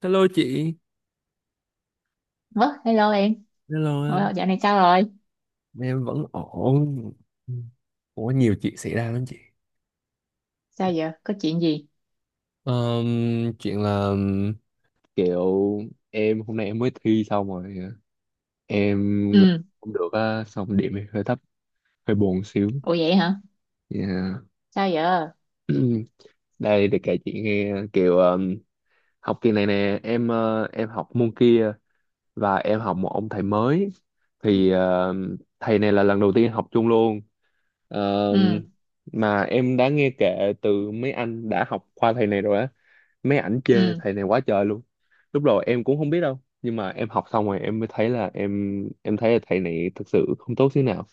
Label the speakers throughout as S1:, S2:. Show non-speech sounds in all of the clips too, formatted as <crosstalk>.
S1: Hello chị.
S2: Ủa, hello em.
S1: Hello, hello.
S2: Dạo này sao rồi?
S1: Em vẫn ổn. Ủa, nhiều chuyện xảy ra lắm chị.
S2: Sao giờ? Có chuyện gì?
S1: Ờm, Chuyện là kiểu hôm nay em mới thi xong rồi. em
S2: Ừ.
S1: Cũng được á, xong điểm hơi thấp, hơi buồn xíu.
S2: Ủa vậy hả?
S1: Yeah.
S2: Sao giờ?
S1: <clears throat> Đây để kể chị nghe kiểu học kỳ này nè, em học môn kia và em học một ông thầy mới, thì ờ, thầy này là lần đầu tiên học chung luôn. Ờ,
S2: Ừ.
S1: mà em đã nghe kể từ mấy anh đã học qua thầy này rồi á, mấy ảnh chê
S2: Ừ.
S1: thầy này quá trời luôn. Lúc đầu em cũng không biết đâu, nhưng mà em học xong rồi em mới thấy là em thấy là thầy này thực sự không tốt thế nào.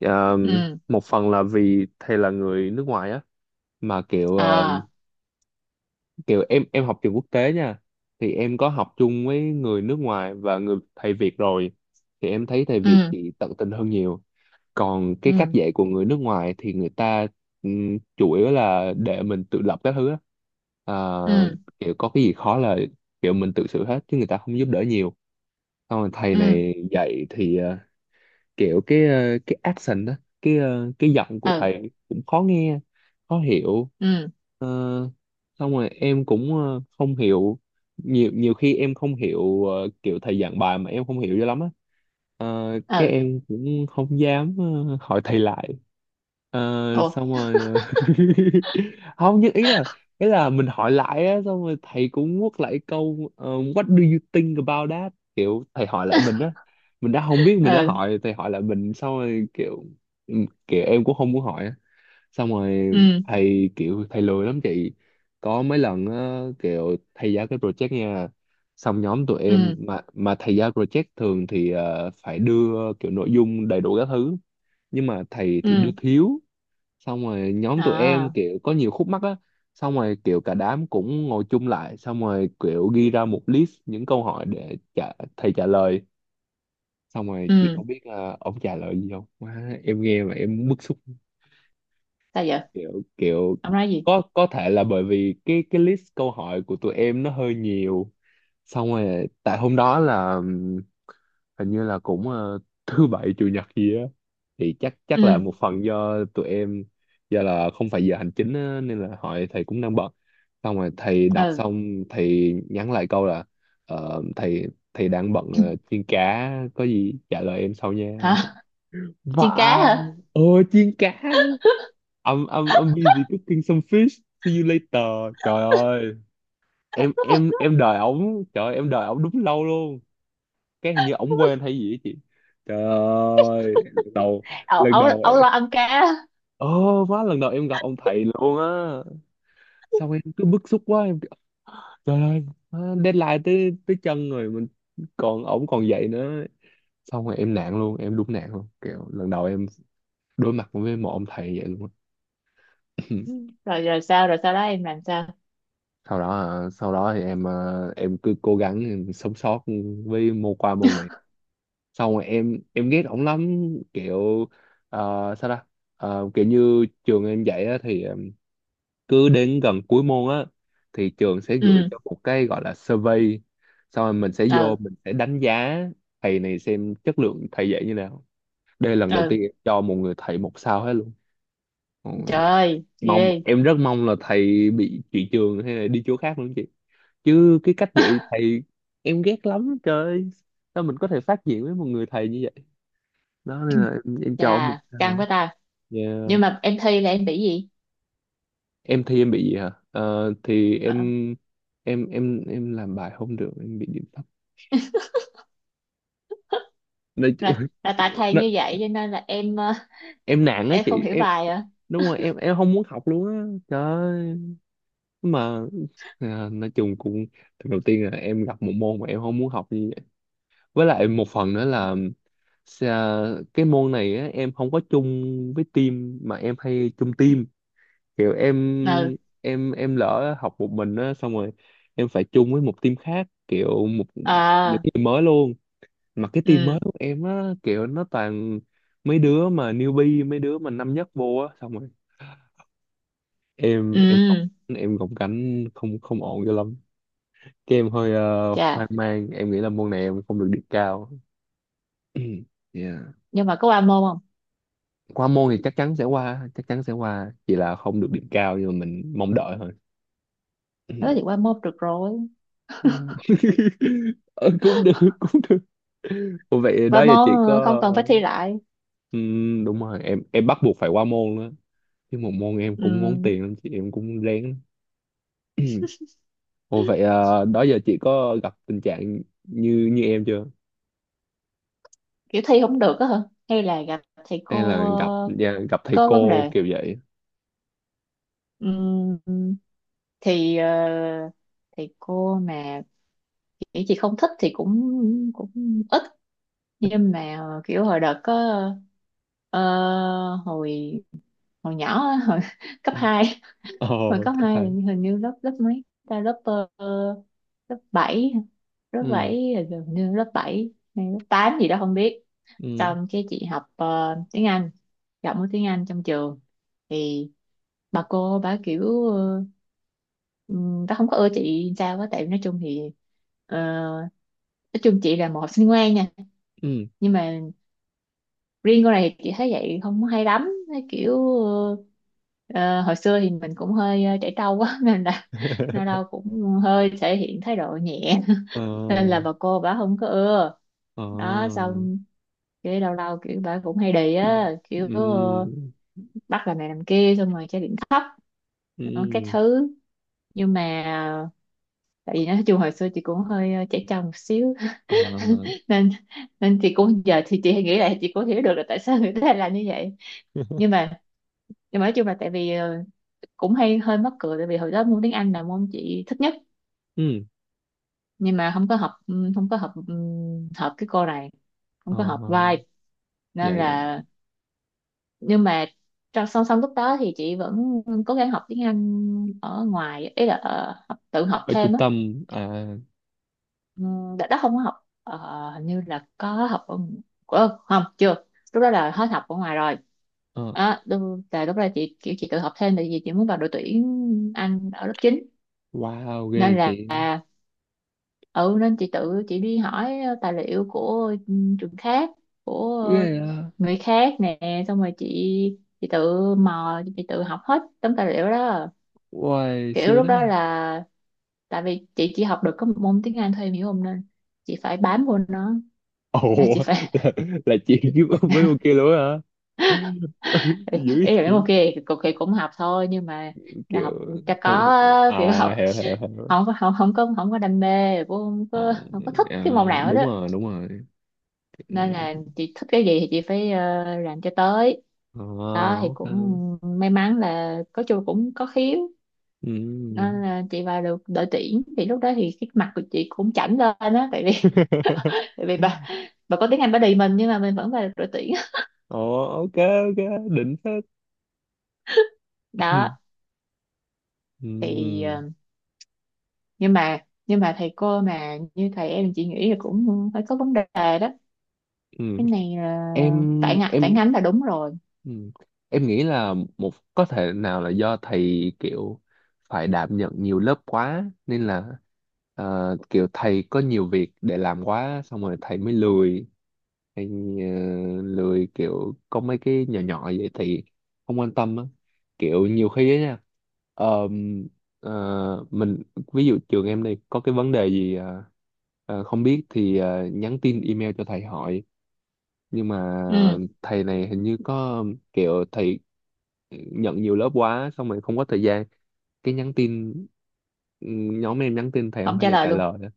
S1: Ờ,
S2: Ừ.
S1: Một phần là vì thầy là người nước ngoài á, mà kiểu
S2: À.
S1: kiểu em học trường quốc tế nha, thì em có học chung với người nước ngoài và người thầy Việt rồi, thì em thấy thầy Việt
S2: Ừ.
S1: chị tận tình hơn nhiều. Còn cái cách
S2: Ừ.
S1: dạy của người nước ngoài thì người ta, chủ yếu là để mình tự lập các thứ á. À,
S2: Ừ.
S1: kiểu có cái gì khó là kiểu mình tự xử hết, chứ người ta không giúp đỡ nhiều. Xong rồi thầy
S2: Ừ.
S1: này dạy thì kiểu cái accent đó, cái giọng của
S2: Ừ.
S1: thầy cũng khó nghe, khó hiểu.
S2: Ừ.
S1: Ờ, Xong rồi em cũng không hiểu. Nhiều Nhiều khi em không hiểu, kiểu thầy giảng bài mà em không hiểu cho lắm á. Cái
S2: Ừ.
S1: em cũng không dám, hỏi thầy lại. Ờ,
S2: Ủa.
S1: xong rồi <laughs> không, nhưng ý là, mình hỏi lại á, xong rồi thầy cũng quất lại câu what do you think about that, kiểu thầy hỏi lại mình á.
S2: <laughs>
S1: Mình đã không biết, mình đã
S2: Ừ.
S1: hỏi, thầy hỏi lại mình, xong rồi kiểu kiểu em cũng không muốn hỏi á. Xong rồi
S2: Ừ.
S1: thầy lười lắm chị. Có mấy lần á, kiểu thầy giao cái project nha, xong nhóm tụi em,
S2: Ừ.
S1: mà thầy giao project thường thì phải đưa kiểu nội dung đầy đủ các thứ, nhưng mà thầy thì đưa
S2: Ừ.
S1: thiếu. Xong rồi nhóm tụi em
S2: À.
S1: kiểu có nhiều khúc mắc á. Xong rồi kiểu cả đám cũng ngồi chung lại, xong rồi kiểu ghi ra một list những câu hỏi để thầy trả lời. Xong rồi chị
S2: Ừ.
S1: có biết là ông trả lời gì không? Má, em nghe mà em bức xúc.
S2: Sao giờ?
S1: Kiểu kiểu
S2: Ông nói gì?
S1: có thể là bởi vì cái list câu hỏi của tụi em nó hơi nhiều, xong rồi tại hôm đó là hình như là cũng thứ bảy chủ nhật gì á, thì chắc chắc là
S2: Ừ.
S1: một phần do tụi em, do là không phải giờ hành chính á, nên là hỏi thầy cũng đang bận. Xong rồi thầy đọc
S2: Ừ.
S1: xong, thầy nhắn lại câu là ờ, thầy thầy đang bận chiên cá, có gì trả lời em sau nha.
S2: Hả? Chiên cá
S1: Vả,
S2: hả?
S1: ờ, chiên cá. I'm, I'm, I'm busy cooking some fish, see you later. Trời ơi, em đợi ổng. Trời ơi, em đợi ổng đúng lâu luôn. Cái hình như ổng quên hay gì á chị. Trời ơi,
S2: Ấu,
S1: lần
S2: ấu,
S1: đầu.
S2: ấu lo ăn cá á.
S1: Ồ, má, lần đầu em gặp ông thầy luôn á. Xong em cứ bức xúc quá, em kiểu, trời ơi, má, deadline tới tới chân rồi mình, còn ổng còn dạy nữa. Xong rồi em nạn luôn, em đúng nạn luôn. Kiểu lần đầu em đối mặt với một ông thầy vậy luôn á.
S2: Ừ.
S1: <clears throat>
S2: Rồi rồi sao? Rồi sau đó em làm sao?
S1: Sau đó, à, sau đó thì em, à, em cứ cố gắng em sống sót với môn qua môn này. Xong rồi em ghét ổng lắm, kiểu à, sao ta? À, kiểu như trường em dạy á, thì à, cứ đến gần cuối môn á thì trường sẽ gửi
S2: Ừ.
S1: cho một cái gọi là survey, xong rồi
S2: Ừ.
S1: mình sẽ đánh giá thầy này, xem chất lượng thầy dạy như nào. Đây là lần đầu
S2: Ừ.
S1: tiên em cho một người thầy một sao hết luôn.
S2: Trời
S1: Ôi,
S2: ơi.
S1: mong,
S2: Ghê.
S1: em rất mong là thầy bị chuyển trường hay là đi chỗ khác luôn chị. Chứ cái cách dạy
S2: <laughs>
S1: thầy em ghét lắm trời ơi. Sao mình có thể phát triển với một người thầy như vậy. Đó nên là em cho một
S2: Chà. Căng
S1: sao.
S2: quá ta. Nhưng
S1: Yeah.
S2: mà em thi là em bị gì?
S1: Em thấy em bị gì hả? Ờ, thì
S2: Ờ,
S1: em làm bài không được, em bị điểm thấp. Nói chứ-
S2: là tại
S1: <laughs>
S2: thầy
S1: nó,
S2: như vậy cho nên là em ờ,
S1: em nản á
S2: em không
S1: chị.
S2: hiểu bài à?
S1: Đúng rồi, em không muốn học luôn á trời ơi. Nhưng mà à, nói chung cũng, lần đầu tiên là em gặp một môn mà em không muốn học như vậy. Với lại một phần nữa là, cái môn này á, em không có chung với team mà em hay chung team. Kiểu
S2: Ừ.
S1: em lỡ học một mình á, xong rồi em phải chung với một team khác, kiểu những
S2: À.
S1: người mới luôn. Mà cái team mới
S2: Ừ.
S1: của em á, kiểu nó toàn mấy đứa mà newbie, mấy đứa mà năm nhất vô á. Xong rồi em em gồng-
S2: Ừ.
S1: em gồng cánh không không ổn cho lắm. Cái em hơi
S2: Chà.
S1: hoang mang, em nghĩ là môn này em không được điểm cao. <clears throat> Yeah.
S2: Nhưng mà có qua môn không?
S1: Qua môn thì chắc chắn sẽ qua, chắc chắn sẽ qua, chỉ là không được điểm cao, nhưng mà mình mong đợi thôi.
S2: Nói thì qua
S1: <clears throat>
S2: môn được rồi.
S1: Ừ. <laughs> Ờ, cũng được, cũng được. Ủa vậy
S2: Qua
S1: đó giờ
S2: môn,
S1: chị
S2: không
S1: có,
S2: cần phải thi lại.
S1: ừ, đúng rồi, em bắt buộc phải qua môn đó. Chứ một môn em cũng ngốn
S2: Ừ,
S1: tiền lắm chị, em cũng rén lắm. <clears throat> Ồ vậy à, đó giờ chị có gặp tình trạng như như em chưa?
S2: kiểu thi không được á hả? Hay là gặp thầy
S1: Hay
S2: cô,
S1: là gặp, dạ, gặp thầy
S2: có vấn
S1: cô
S2: đề?
S1: kiểu vậy?
S2: Ừm, thì ờ, thì cô mà kiểu chị không thích thì cũng cũng ít. Nhưng mà kiểu hồi đợt có, ờ, hồi hồi nhỏ á, hồi <laughs> cấp
S1: <clears throat>
S2: hai. Hồi
S1: Ồ,
S2: cấp
S1: cấp
S2: 2 là
S1: hai.
S2: hình như lớp lớp mấy ta, lớp, lớp bảy. Lớp
S1: Ừ,
S2: 7 là hình như lớp 7 hay lớp 8 gì đó không biết.
S1: ừ,
S2: Xong cái chị học, tiếng Anh, giọng của tiếng Anh trong trường, thì bà cô bà kiểu, bà không có ưa chị sao á, tại nói chung thì, ờ, nói chung chị là một học sinh ngoan nha.
S1: ừ.
S2: Nhưng mà riêng con này thì chị thấy vậy không hay lắm. Thấy kiểu ờ, hồi xưa thì mình cũng hơi trẻ trâu quá <laughs> nên là nó
S1: <laughs>
S2: đâu cũng hơi thể hiện thái độ nhẹ.
S1: Ờ,
S2: <laughs> Nên là bà cô bà không có ưa.
S1: ờ.
S2: Đó xong cái lâu lâu kiểu bà cũng hay đì á, kiểu
S1: Ừ,
S2: bắt làm này làm kia xong rồi chơi điện thấp.
S1: ừ,
S2: Đó, các thứ. Nhưng mà tại vì nói chung hồi xưa chị cũng hơi trẻ trâu một xíu.
S1: ờ.
S2: <laughs> nên nên chị cũng giờ thì chị nghĩ lại, chị cũng hiểu được là tại sao người ta lại làm như vậy. nhưng
S1: <laughs>
S2: mà nhưng mà nói chung là tại vì, cũng hay hơi mắc cười, tại vì hồi đó môn tiếng Anh là môn chị thích nhất.
S1: Ừ,
S2: Nhưng mà không có hợp, không có hợp, hợp cái cô này, không
S1: ờ.
S2: có hợp vibe,
S1: Dạ,
S2: nên
S1: dạ,
S2: là.
S1: dạ.
S2: Nhưng mà trong song song lúc đó thì chị vẫn cố gắng học tiếng Anh ở ngoài, ý là học, tự học
S1: Ở
S2: thêm
S1: trung
S2: á.
S1: tâm à,
S2: Ừ, đợt đó không có học, hình như là có học ở, không, chưa, lúc đó là hết học ở ngoài rồi.
S1: ờ.
S2: Đó, là lúc đó chị kiểu chị tự học thêm, tại vì chị muốn vào đội tuyển Anh ở lớp chín.
S1: Wow,
S2: Nên
S1: ghê chị.
S2: là ừ nên chị tự chị đi hỏi tài liệu của, trường khác, của
S1: Ghê à.
S2: người khác nè, xong rồi chị tự mò chị tự học hết tấm tài liệu đó.
S1: Wow,
S2: Kiểu
S1: siêu
S2: lúc
S1: đó.
S2: đó là tại vì chị chỉ học được có một môn tiếng Anh thôi, em hiểu không, nên chị phải bám vô nó,
S1: Ồ,
S2: là chị phải. <laughs>
S1: là, là chị kiếm mấy cô kia luôn á hả? <laughs> Dữ vậy
S2: Ý là mấy môn
S1: chị.
S2: kia thì cũng cũng học thôi, nhưng mà là học
S1: Kiểu
S2: cho có
S1: không...
S2: á,
S1: À,
S2: kiểu học
S1: hiểu, hiểu, hiểu.
S2: không có đam mê, cũng
S1: À,
S2: không có thích cái
S1: à,
S2: môn nào hết
S1: đúng
S2: đó.
S1: rồi, đúng rồi. Ừ.
S2: Nên là chị thích cái gì thì chị phải, làm cho tới. Đó
S1: À,
S2: thì
S1: ok.
S2: cũng may mắn là có chung cũng có khiếu.
S1: Ừ.
S2: Nên là chị vào được đội tuyển, thì lúc đó thì cái mặt của chị cũng chảnh lên á, tại vì <laughs> tại vì bà
S1: <laughs>
S2: bà có tiếng Anh bà đì mình, nhưng mà mình vẫn vào được đội tuyển.
S1: Ồ, ok, ok. Đỉnh phết. <coughs>
S2: Đó
S1: Ừ.
S2: thì, nhưng mà nhưng mà thầy cô mà như thầy em chị nghĩ là cũng phải có vấn đề. Đó, cái
S1: Ừ.
S2: này là
S1: Em,
S2: phản
S1: em
S2: ánh là đúng rồi.
S1: Ừ. Em nghĩ là một, có thể nào là do thầy kiểu phải đảm nhận nhiều lớp quá nên là kiểu thầy có nhiều việc để làm quá, xong rồi thầy mới lười. Hay ờ, lười kiểu có mấy cái nhỏ nhỏ vậy thì không quan tâm á. Kiểu nhiều khi á nha, ờm, mình, ví dụ trường em đi có cái vấn đề gì không biết thì nhắn tin email cho thầy hỏi, nhưng mà
S2: Ừ,
S1: thầy này hình như có kiểu thầy nhận nhiều lớp quá, xong rồi không có thời gian. Cái nhắn tin, ừ, nhóm em nhắn tin thầy không
S2: không
S1: bao
S2: trả
S1: giờ
S2: lời
S1: trả
S2: luôn.
S1: lời á.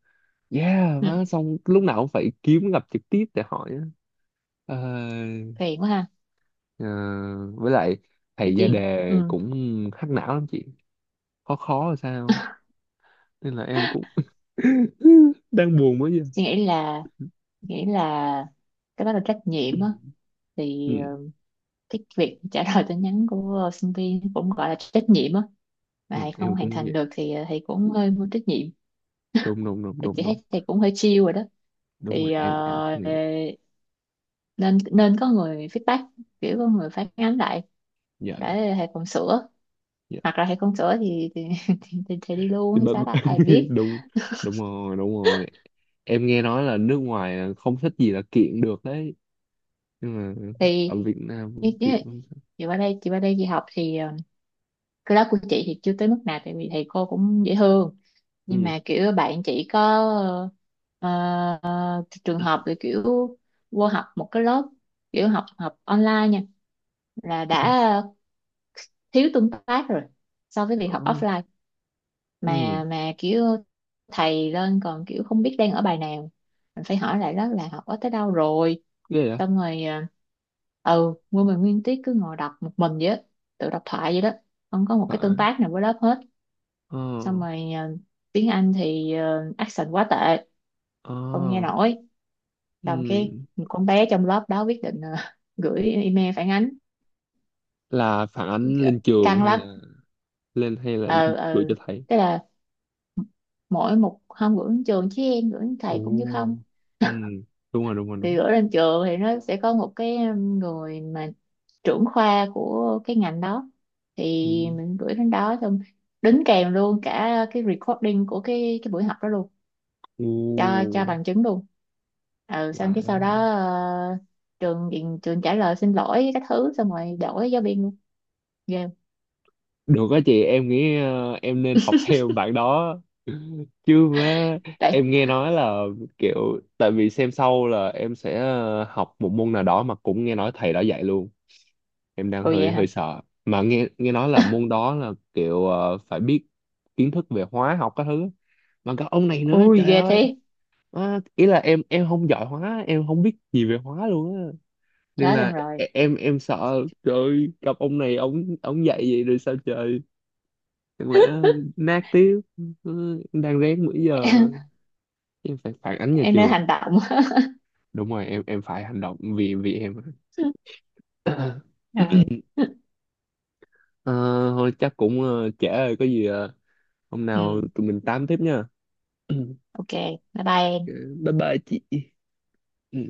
S1: Yeah
S2: Ừ,
S1: má. Xong lúc nào cũng phải kiếm gặp trực tiếp để hỏi á. Ờ,
S2: phiền quá ha
S1: ờ, với lại thầy ra <laughs>
S2: chị.
S1: đề
S2: Ừ,
S1: cũng hack não lắm chị, khó, khó là sao á. Nên là em cũng <laughs> đang buồn mới giờ.
S2: chị nghĩ là cái đó là trách nhiệm á, thì
S1: Ừ,
S2: cái việc trả lời tin nhắn của sinh viên cũng gọi là trách nhiệm á, mà
S1: ừ,
S2: thầy không
S1: em
S2: hoàn
S1: cũng nghĩ
S2: thành
S1: vậy.
S2: được thì thầy cũng hơi vô trách nhiệm.
S1: Đúng, đúng, đúng,
S2: Thì
S1: đúng,
S2: chị
S1: đúng.
S2: thấy thầy cũng hơi chill rồi đó.
S1: Đúng rồi,
S2: Thì
S1: em cũng nghĩ vậy.
S2: nên nên có người feedback, kiểu có người phản ánh lại
S1: Dạ, dạ,
S2: để thầy còn sửa,
S1: dạ.
S2: hoặc là thầy không sửa thì <laughs> thì đi luôn
S1: Thì
S2: hay
S1: bà-
S2: sao đó ai
S1: <laughs>
S2: biết.
S1: đúng, đúng rồi, đúng rồi. Em nghe nói là nước ngoài không thích gì là kiện được đấy, nhưng mà
S2: Thì
S1: ở Việt
S2: như
S1: Nam kiện
S2: như
S1: không thích.
S2: chị qua đây chị học thì, cái lớp của chị thì chưa tới mức nào, tại vì thầy cô cũng dễ thương. Nhưng
S1: Ừ,
S2: mà kiểu bạn chỉ có, ờ, trường hợp là kiểu vô học một cái lớp, kiểu học học online nha, là đã thiếu tương tác rồi so với việc học
S1: ừ,
S2: offline.
S1: ừ,
S2: Mà kiểu thầy lên còn kiểu không biết đang ở bài nào, mình phải hỏi lại đó là học ở tới đâu rồi.
S1: ghê vậy.
S2: Xong rồi ừ nguyên tiết cứ ngồi đọc một mình vậy á, tự đọc thoại vậy đó, không có một cái tương
S1: Phải,
S2: tác nào với lớp hết.
S1: ờ,
S2: Xong rồi, tiếng Anh thì accent quá tệ,
S1: ờ,
S2: không nghe nổi. Xong
S1: ừ.
S2: cái một con bé trong lớp đó quyết định, <laughs> gửi email phản ánh.
S1: Là phản ánh
S2: G-
S1: lên trường
S2: căng
S1: hay
S2: lắm.
S1: là lên, hay là
S2: ờ
S1: gửi
S2: ờ
S1: cho thầy?
S2: tức là mỗi một hôm gửi đến trường chứ em gửi đến thầy cũng như không.
S1: Ồ, ừ, đúng rồi, đúng rồi,
S2: Thì
S1: đúng.
S2: gửi lên trường thì nó sẽ có một cái, người mà trưởng khoa của cái ngành đó, thì
S1: Ừ.
S2: mình gửi đến đó xong đính kèm luôn cả cái recording của cái buổi học đó luôn, cho
S1: Ồ.
S2: bằng chứng luôn. Ừ, xong cái sau
S1: Wow.
S2: đó, trường trả lời xin lỗi các thứ, xong rồi đổi giáo viên luôn. Ghê không?
S1: Được á chị, em nghĩ em nên học <laughs> theo bạn đó. Chứ mà
S2: Đấy.
S1: em nghe nói là kiểu, tại vì xem sau là em sẽ học một môn nào đó mà cũng nghe nói thầy đã dạy luôn. Em đang
S2: Ồ, vậy
S1: hơi
S2: hả?
S1: hơi sợ. Mà nghe nghe nói là môn đó là kiểu phải biết kiến thức về hóa học các thứ. Mà cả ông này nữa,
S2: Ui,
S1: trời
S2: ghê
S1: ơi.
S2: thế.
S1: Má, ý là em không giỏi hóa, em không biết gì về hóa luôn á. Nên
S2: Chết em
S1: là
S2: rồi.
S1: em sợ trời ơi, gặp ông này, ông dạy vậy rồi sao trời, chẳng lẽ
S2: <laughs>
S1: nát tiếp. Ừ, đang rén bữa giờ,
S2: em
S1: em phải phản ánh nhà
S2: em nên
S1: trường.
S2: hành động.
S1: Đúng rồi, em phải hành động, vì vì em.
S2: <laughs>
S1: <clears throat>
S2: Rồi.
S1: Ờ, thôi chắc cũng trễ rồi, có gì hôm nào
S2: Ừ.
S1: tụi mình tám tiếp nha. <clears throat>
S2: OK. Bye bye em.
S1: Bye bye chị. Ừ.